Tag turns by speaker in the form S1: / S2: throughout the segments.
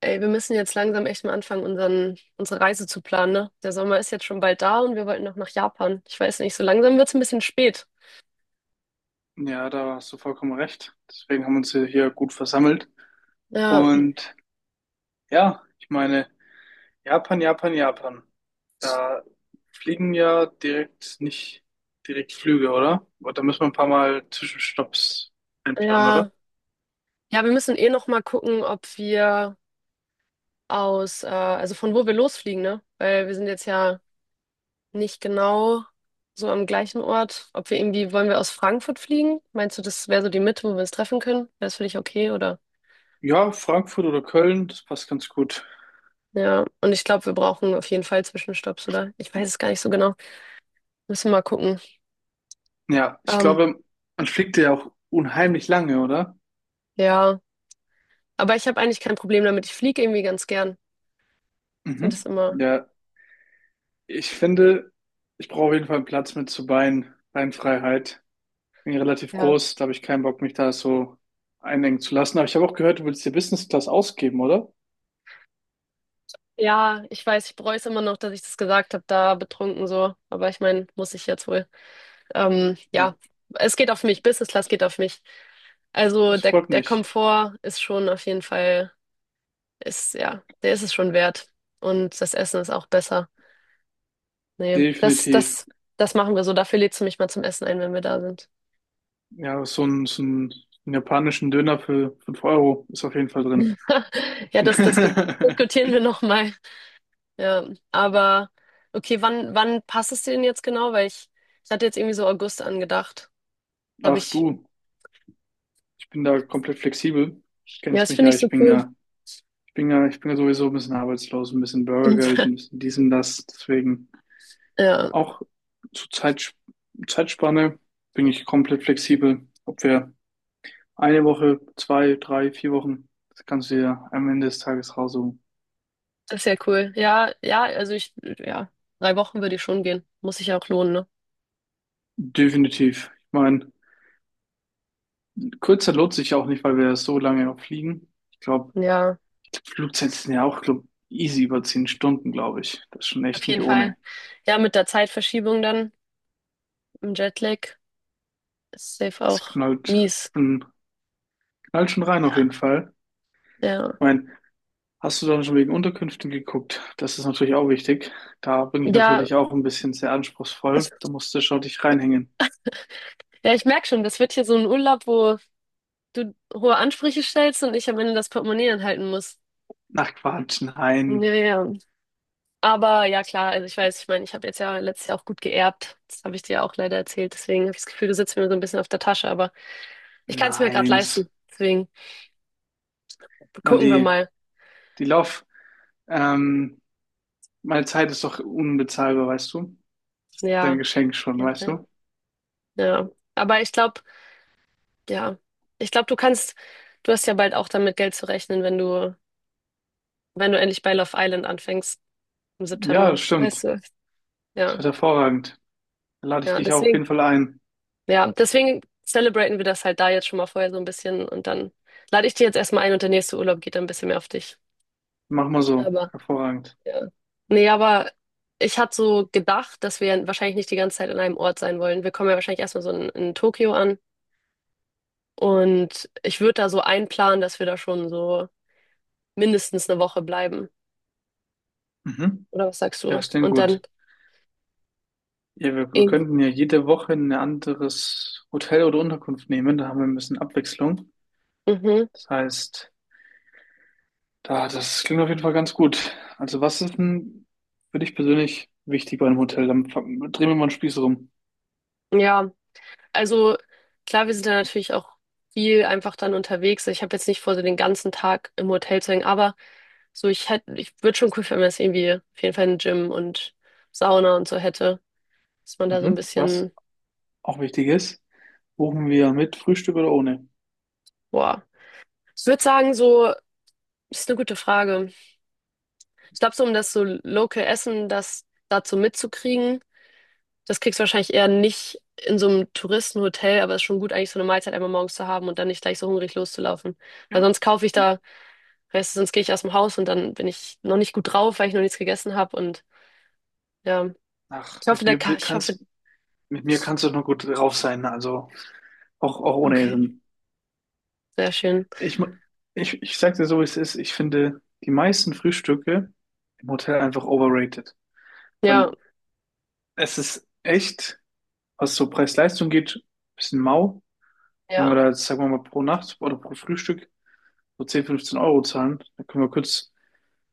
S1: Ey, wir müssen jetzt langsam echt mal anfangen, unsere Reise zu planen, ne? Der Sommer ist jetzt schon bald da und wir wollten noch nach Japan. Ich weiß nicht, so langsam wird's ein bisschen spät.
S2: Ja, da hast du vollkommen recht. Deswegen haben wir uns hier gut versammelt.
S1: Ja,
S2: Und ja, ich meine, Japan, Japan, Japan. Da fliegen ja direkt nicht direkt Flüge, oder? Aber da müssen wir ein paar Mal Zwischenstopps einplanen,
S1: ja.
S2: oder?
S1: Ja, wir müssen eh noch mal gucken, ob wir also von wo wir losfliegen, ne? Weil wir sind jetzt ja nicht genau so am gleichen Ort. Ob wir irgendwie, wollen wir aus Frankfurt fliegen? Meinst du, das wäre so die Mitte, wo wir uns treffen können? Wäre das für dich okay, oder?
S2: Ja, Frankfurt oder Köln, das passt ganz gut.
S1: Ja, und ich glaube, wir brauchen auf jeden Fall Zwischenstopps, oder? Ich weiß es gar nicht so genau. Müssen wir mal gucken.
S2: Ja, ich
S1: Ähm,
S2: glaube, man fliegt ja auch unheimlich lange, oder?
S1: ja. Aber ich habe eigentlich kein Problem damit. Ich fliege irgendwie ganz gern. Ich finde das
S2: Mhm.
S1: immer,
S2: Ja, ich finde, ich brauche auf jeden Fall einen Platz mit zur Beinfreiheit. Bin relativ
S1: ja.
S2: groß, da habe ich keinen Bock, mich da so einengen zu lassen. Aber ich habe auch gehört, du willst dir Business Class ausgeben, oder?
S1: Ja, ich weiß, ich bereue es immer noch, dass ich das gesagt habe, da betrunken so. Aber ich meine, muss ich jetzt wohl.
S2: Ja,
S1: Ja, es geht auf mich. Business Class geht auf mich. Also
S2: das
S1: der,
S2: freut
S1: der
S2: mich.
S1: Komfort ist schon auf jeden Fall, ist, ja, der ist es schon wert. Und das Essen ist auch besser. Nee,
S2: Definitiv.
S1: das machen wir so. Dafür lädst du mich mal zum Essen ein, wenn wir da sind.
S2: Ja, so ein japanischen Döner für 5 € ist auf jeden Fall drin.
S1: Ja, das diskutieren wir nochmal. Ja, aber okay, wann passt es dir denn jetzt genau? Weil ich hatte jetzt irgendwie so August angedacht. Da Hab
S2: Ach
S1: ich,
S2: du, ich bin da komplett flexibel.
S1: ja,
S2: Kennst
S1: das
S2: mich
S1: finde
S2: ja,
S1: ich so
S2: ich bin
S1: cool.
S2: ja, ich bin ja, ich bin ja sowieso ein bisschen arbeitslos, ein bisschen Bürgergeld, ein bisschen dies und das. Deswegen
S1: Ja,
S2: auch zur Zeit, Zeitspanne bin ich komplett flexibel, ob wir eine Woche, 2, 3, 4 Wochen, das kannst du dir am Ende des Tages raussuchen.
S1: das ist ja cool. Ja, ja, also ich, ja, 3 Wochen würde ich schon gehen. Muss sich ja auch lohnen, ne?
S2: Definitiv. Ich meine, Kurzzeit lohnt sich auch nicht, weil wir so lange auch fliegen. Ich glaube,
S1: Ja,
S2: Flugzeiten sind ja auch, glaub, easy über 10 Stunden, glaube ich. Das ist schon
S1: auf
S2: echt
S1: jeden
S2: nicht
S1: Fall.
S2: ohne.
S1: Ja, mit der Zeitverschiebung dann im Jetlag ist safe
S2: Es
S1: auch mies.
S2: schon, knallt schon rein auf jeden
S1: Ja,
S2: Fall.
S1: ja,
S2: Ich meine, hast du dann schon wegen Unterkünften geguckt? Das ist natürlich auch wichtig. Da bin ich
S1: ja.
S2: natürlich auch ein bisschen sehr anspruchsvoll. Da musst du schon dich reinhängen.
S1: Ja, ich merke schon, das wird hier so ein Urlaub, wo du hohe Ansprüche stellst und ich am Ende das Portemonnaie anhalten muss.
S2: Ach Quatsch,
S1: Ja,
S2: nein,
S1: ja, ja. Aber ja, klar, also ich weiß, ich meine, ich habe jetzt ja letztes Jahr auch gut geerbt. Das habe ich dir ja auch leider erzählt. Deswegen habe ich das Gefühl, du sitzt mir so ein bisschen auf der Tasche, aber ich kann es mir gerade
S2: nein. Das,
S1: leisten. Deswegen
S2: guck mal,
S1: gucken wir mal.
S2: die Lauf, ähm, meine Zeit ist doch unbezahlbar, weißt du? Ist ja
S1: Ja,
S2: ein
S1: auf
S2: Geschenk schon,
S1: jeden
S2: weißt
S1: Fall.
S2: du?
S1: Ja. Aber ich glaube, ja, ich glaube, du hast ja bald auch damit Geld zu rechnen, wenn du endlich bei Love Island anfängst im
S2: Ja, das
S1: September. Weißt
S2: stimmt.
S1: du?
S2: Das
S1: Ja,
S2: wird hervorragend. Da lade ich
S1: ja,
S2: dich auf
S1: deswegen.
S2: jeden Fall ein.
S1: Ja, deswegen celebraten wir das halt da jetzt schon mal vorher so ein bisschen und dann lade ich dir jetzt erstmal ein und der nächste Urlaub geht dann ein bisschen mehr auf dich.
S2: Mach mal so.
S1: aber
S2: Hervorragend.
S1: Ja. Nee, aber ich hatte so gedacht, dass wir wahrscheinlich nicht die ganze Zeit an einem Ort sein wollen. Wir kommen ja wahrscheinlich erstmal so in Tokio an. Und ich würde da so einplanen, dass wir da schon so mindestens eine Woche bleiben.
S2: Mhm.
S1: Oder was sagst
S2: Ja,
S1: du?
S2: ist denn
S1: Und dann
S2: gut. Ja, wir
S1: irgendwie,
S2: könnten ja jede Woche ein anderes Hotel oder Unterkunft nehmen. Da haben wir ein bisschen Abwechslung.
S1: mhm,
S2: Das heißt, das klingt auf jeden Fall ganz gut. Also, was ist denn für dich persönlich wichtig bei einem Hotel? Dann drehen wir mal einen Spieß rum.
S1: ja. Also klar, wir sind da natürlich auch viel einfach dann unterwegs. Ich habe jetzt nicht vor, so den ganzen Tag im Hotel zu hängen, aber so ich würde schon cool finden, wenn es irgendwie auf jeden Fall ein Gym und Sauna und so hätte, dass man da so ein
S2: Mhm. Was
S1: bisschen,
S2: auch wichtig ist. Buchen wir mit Frühstück oder ohne?
S1: boah. Ich würde sagen, so, ist eine gute Frage. Ich glaube, so um das so Local Essen, das dazu mitzukriegen, das kriegst du wahrscheinlich eher nicht in so einem Touristenhotel, aber es ist schon gut, eigentlich so eine Mahlzeit einmal morgens zu haben und dann nicht gleich so hungrig loszulaufen. Weil
S2: Ja.
S1: sonst kaufe ich da, weißt du, sonst gehe ich aus dem Haus und dann bin ich noch nicht gut drauf, weil ich noch nichts gegessen habe und ja.
S2: Ach,
S1: Ich hoffe, der Ka ich hoffe,
S2: mit mir kannst du doch nur gut drauf sein, also auch ohne
S1: okay,
S2: Essen.
S1: sehr schön.
S2: Ich, mu- ich sag dir so, wie es ist. Ich finde die meisten Frühstücke im Hotel einfach overrated, weil
S1: Ja,
S2: es ist echt, was so Preis-Leistung geht, ein bisschen mau. Wenn wir
S1: ja,
S2: da jetzt, sagen wir mal, pro Nacht oder pro Frühstück so 10-15 € zahlen, dann können wir kurz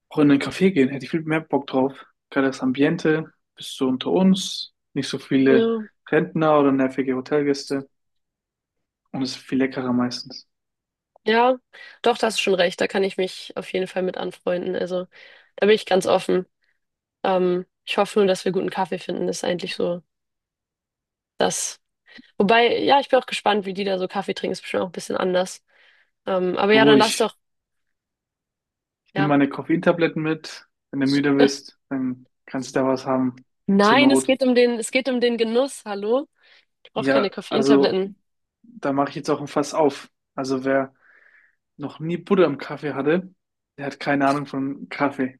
S2: auch in einen Café gehen, hätte ich viel mehr Bock drauf. Geiles Ambiente, bist du unter uns, nicht so viele
S1: ja,
S2: Rentner oder nervige Hotelgäste und es ist viel leckerer meistens.
S1: ja, doch, da hast du schon recht, da kann ich mich auf jeden Fall mit anfreunden, also. Da bin ich ganz offen. Ich hoffe nur, dass wir guten Kaffee finden. Das ist eigentlich so das. Wobei, ja, ich bin auch gespannt, wie die da so Kaffee trinken. Ist bestimmt auch ein bisschen anders. Aber ja,
S2: Du,
S1: dann lass
S2: ich,
S1: doch,
S2: ich nehme
S1: ja.
S2: meine Koffeintabletten mit. Wenn du müde bist, dann kannst du da was haben, zur
S1: Nein, es
S2: Not.
S1: geht um den, es geht um den Genuss. Hallo? Ich brauche keine
S2: Ja, also
S1: Koffeintabletten.
S2: da mache ich jetzt auch ein Fass auf. Also wer noch nie Butter im Kaffee hatte, der hat keine Ahnung von Kaffee.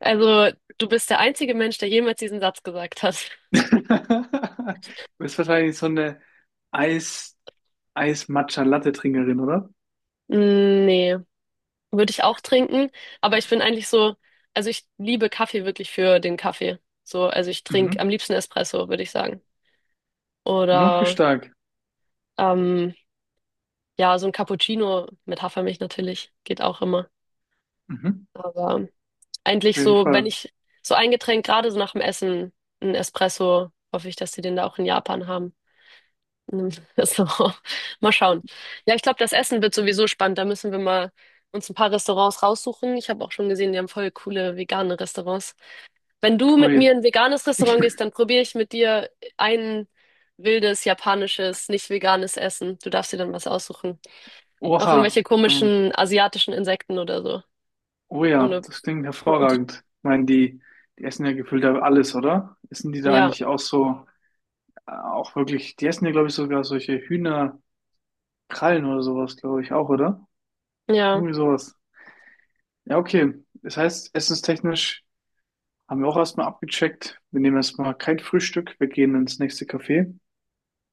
S1: Also, du bist der einzige Mensch, der jemals diesen Satz gesagt hat.
S2: Du bist wahrscheinlich so eine Eis, Eis-Matcha-Latte-Trinkerin, oder?
S1: Mm, nee, würde ich auch trinken. Aber ich bin eigentlich so, also ich liebe Kaffee wirklich für den Kaffee. So, also ich trinke am
S2: Mhm.
S1: liebsten Espresso, würde ich sagen.
S2: Ja, okay,
S1: Oder,
S2: stark.
S1: ähm, Ja, so ein Cappuccino mit Hafermilch natürlich geht auch immer.
S2: Mhm.
S1: Aber
S2: Auf
S1: eigentlich
S2: jeden
S1: so, wenn
S2: Fall.
S1: ich so ein Getränk gerade so nach dem Essen, ein Espresso, hoffe ich, dass sie den da auch in Japan haben. In einem Restaurant. Mal schauen. Ja, ich glaube, das Essen wird sowieso spannend. Da müssen wir mal uns ein paar Restaurants raussuchen. Ich habe auch schon gesehen, die haben voll coole vegane Restaurants. Wenn du mit
S2: Pui.
S1: mir in ein veganes Restaurant gehst, dann probiere ich mit dir ein wildes japanisches, nicht veganes Essen. Du darfst dir dann was aussuchen. Auch
S2: Oha.
S1: irgendwelche komischen asiatischen Insekten oder so.
S2: Oh ja,
S1: Ohne.
S2: das klingt
S1: Verurteilt.
S2: hervorragend. Ich meine, die essen ja gefühlt ja alles, oder? Essen die da
S1: Ja,
S2: nicht auch so, auch wirklich, die essen ja, glaube ich, sogar solche Hühnerkrallen oder sowas, glaube ich, auch, oder?
S1: ja.
S2: Irgendwie sowas. Ja, okay. Das heißt, essenstechnisch haben wir auch erstmal abgecheckt. Wir nehmen erstmal kein Frühstück. Wir gehen ins nächste Café.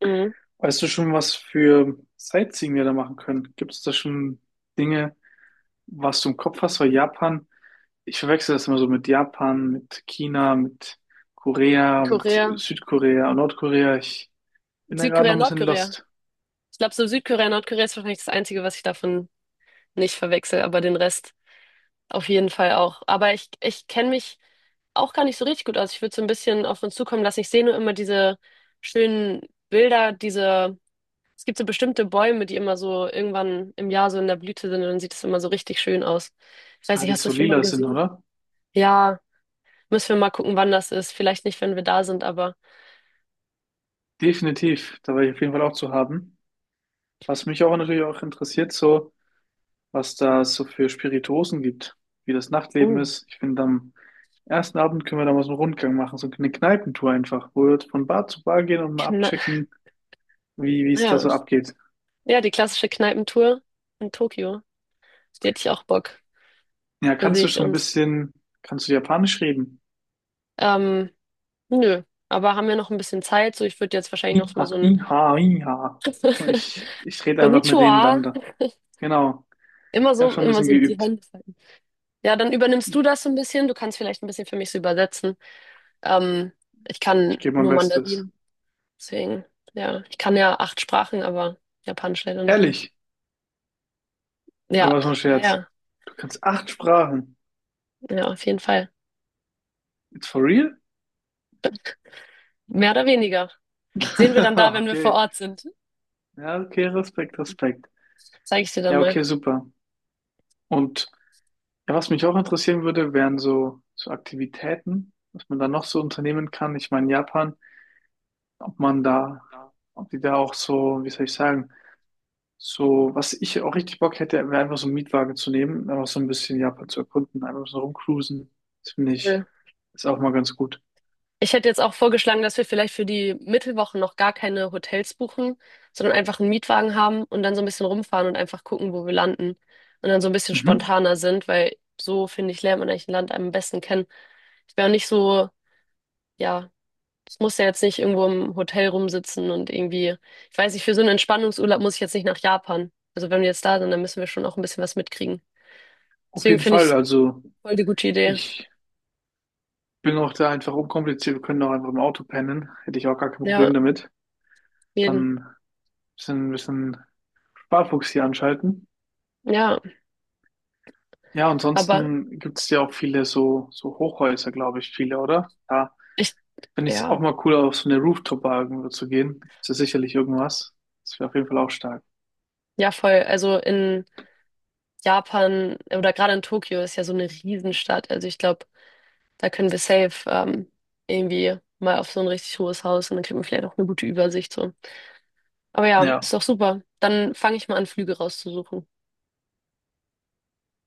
S1: Mhm.
S2: Weißt du schon, was für Sightseeing wir da machen können? Gibt es da schon Dinge, was du im Kopf hast? Weil Japan, ich verwechsel das immer so mit Japan, mit China, mit Korea, mit
S1: Korea.
S2: Südkorea und Nordkorea. Ich bin da gerade noch
S1: Südkorea,
S2: ein bisschen
S1: Nordkorea.
S2: lost.
S1: Ich glaube, so Südkorea, Nordkorea ist wahrscheinlich das Einzige, was ich davon nicht verwechsel, aber den Rest auf jeden Fall auch. Aber ich kenne mich auch gar nicht so richtig gut aus. Ich würde so ein bisschen auf uns zukommen lassen. Ich sehe nur immer diese schönen Bilder, diese, es gibt so bestimmte Bäume, die immer so irgendwann im Jahr so in der Blüte sind und dann sieht es immer so richtig schön aus. Ich weiß
S2: Ah,
S1: nicht,
S2: die
S1: hast du
S2: so
S1: schon mal
S2: lila sind,
S1: gesehen?
S2: oder?
S1: Ja. Müssen wir mal gucken, wann das ist. Vielleicht nicht, wenn wir da sind, aber.
S2: Definitiv, da war ich auf jeden Fall auch zu haben. Was mich auch natürlich auch interessiert, so, was da es so für Spirituosen gibt, wie das Nachtleben
S1: Uh.
S2: ist. Ich finde, am ersten Abend können wir da mal so einen Rundgang machen, so eine Kneipentour einfach, wo wir von Bar zu Bar gehen und mal
S1: Na,
S2: abchecken, wie es da
S1: ja.
S2: so abgeht.
S1: Ja, die klassische Kneipentour in Tokio. Die hätte ich auch Bock.
S2: Ja,
S1: Da
S2: kannst
S1: sehe
S2: du
S1: ich
S2: schon ein
S1: uns.
S2: bisschen, kannst du Japanisch reden?
S1: Ähm, Nö. Aber haben wir noch ein bisschen Zeit? So, ich würde jetzt wahrscheinlich noch
S2: Iha,
S1: mal so ein
S2: iha, iha. Ich rede einfach mit denen dann
S1: Konnichiwa.
S2: da. Genau. Ich habe schon ein
S1: Immer
S2: bisschen
S1: so die
S2: geübt.
S1: Hände falten. Ja, dann übernimmst du das so ein bisschen. Du kannst vielleicht ein bisschen für mich so übersetzen. Ähm, Ich
S2: Ich
S1: kann
S2: gebe mein
S1: nur
S2: Bestes.
S1: Mandarin. Deswegen, ja. Ich kann ja acht Sprachen, aber Japanisch leider noch nicht.
S2: Ehrlich? Oder
S1: Ja,
S2: was für ein
S1: ja,
S2: Scherz?
S1: ja.
S2: Du kannst acht Sprachen.
S1: Ja, auf jeden Fall.
S2: It's for real?
S1: Mehr oder weniger. Sehen wir dann da, wenn wir vor
S2: Okay.
S1: Ort sind.
S2: Ja, okay, Respekt, Respekt.
S1: Zeige ich dir dann
S2: Ja,
S1: mal.
S2: okay, super. Und ja, was mich auch interessieren würde, wären so Aktivitäten, was man da noch so unternehmen kann. Ich meine, Japan, ob man da,
S1: Ja.
S2: ob die da auch so, wie soll ich sagen, so, was ich auch richtig Bock hätte, wäre einfach so einen Mietwagen zu nehmen, einfach so ein bisschen Japan zu erkunden, einfach so rumcruisen. Das finde ich,
S1: Cool.
S2: ist auch mal ganz gut.
S1: Ich hätte jetzt auch vorgeschlagen, dass wir vielleicht für die Mittelwochen noch gar keine Hotels buchen, sondern einfach einen Mietwagen haben und dann so ein bisschen rumfahren und einfach gucken, wo wir landen. Und dann so ein bisschen
S2: Mhm.
S1: spontaner sind, weil so, finde ich, lernt man eigentlich ein Land am besten kennen. Ich wäre auch nicht so, ja, es muss ja jetzt nicht irgendwo im Hotel rumsitzen und irgendwie, ich weiß nicht, für so einen Entspannungsurlaub muss ich jetzt nicht nach Japan. Also wenn wir jetzt da sind, dann müssen wir schon auch ein bisschen was mitkriegen.
S2: Auf
S1: Deswegen
S2: jeden
S1: finde ich
S2: Fall,
S1: es
S2: also
S1: voll die gute Idee.
S2: ich bin auch da einfach unkompliziert. Wir können auch einfach im Auto pennen. Hätte ich auch gar kein
S1: Ja,
S2: Problem damit.
S1: jeden.
S2: Dann ein bisschen Sparfuchs hier anschalten.
S1: Ja,
S2: Ja,
S1: aber
S2: ansonsten gibt es ja auch viele so Hochhäuser, glaube ich, viele, oder? Ja,
S1: ich,
S2: finde ich es auch
S1: ja,
S2: mal cool, auf so eine Rooftop-Bar irgendwo zu gehen. Ist ja sicherlich irgendwas. Das wäre auf jeden Fall auch stark.
S1: ja, voll. Also in Japan oder gerade in Tokio ist ja so eine Riesenstadt. Also ich glaube, da können wir safe irgendwie mal auf so ein richtig hohes Haus und dann kriegt man vielleicht auch eine gute Übersicht so. Aber ja,
S2: Ja.
S1: ist doch super. Dann fange ich mal an, Flüge rauszusuchen.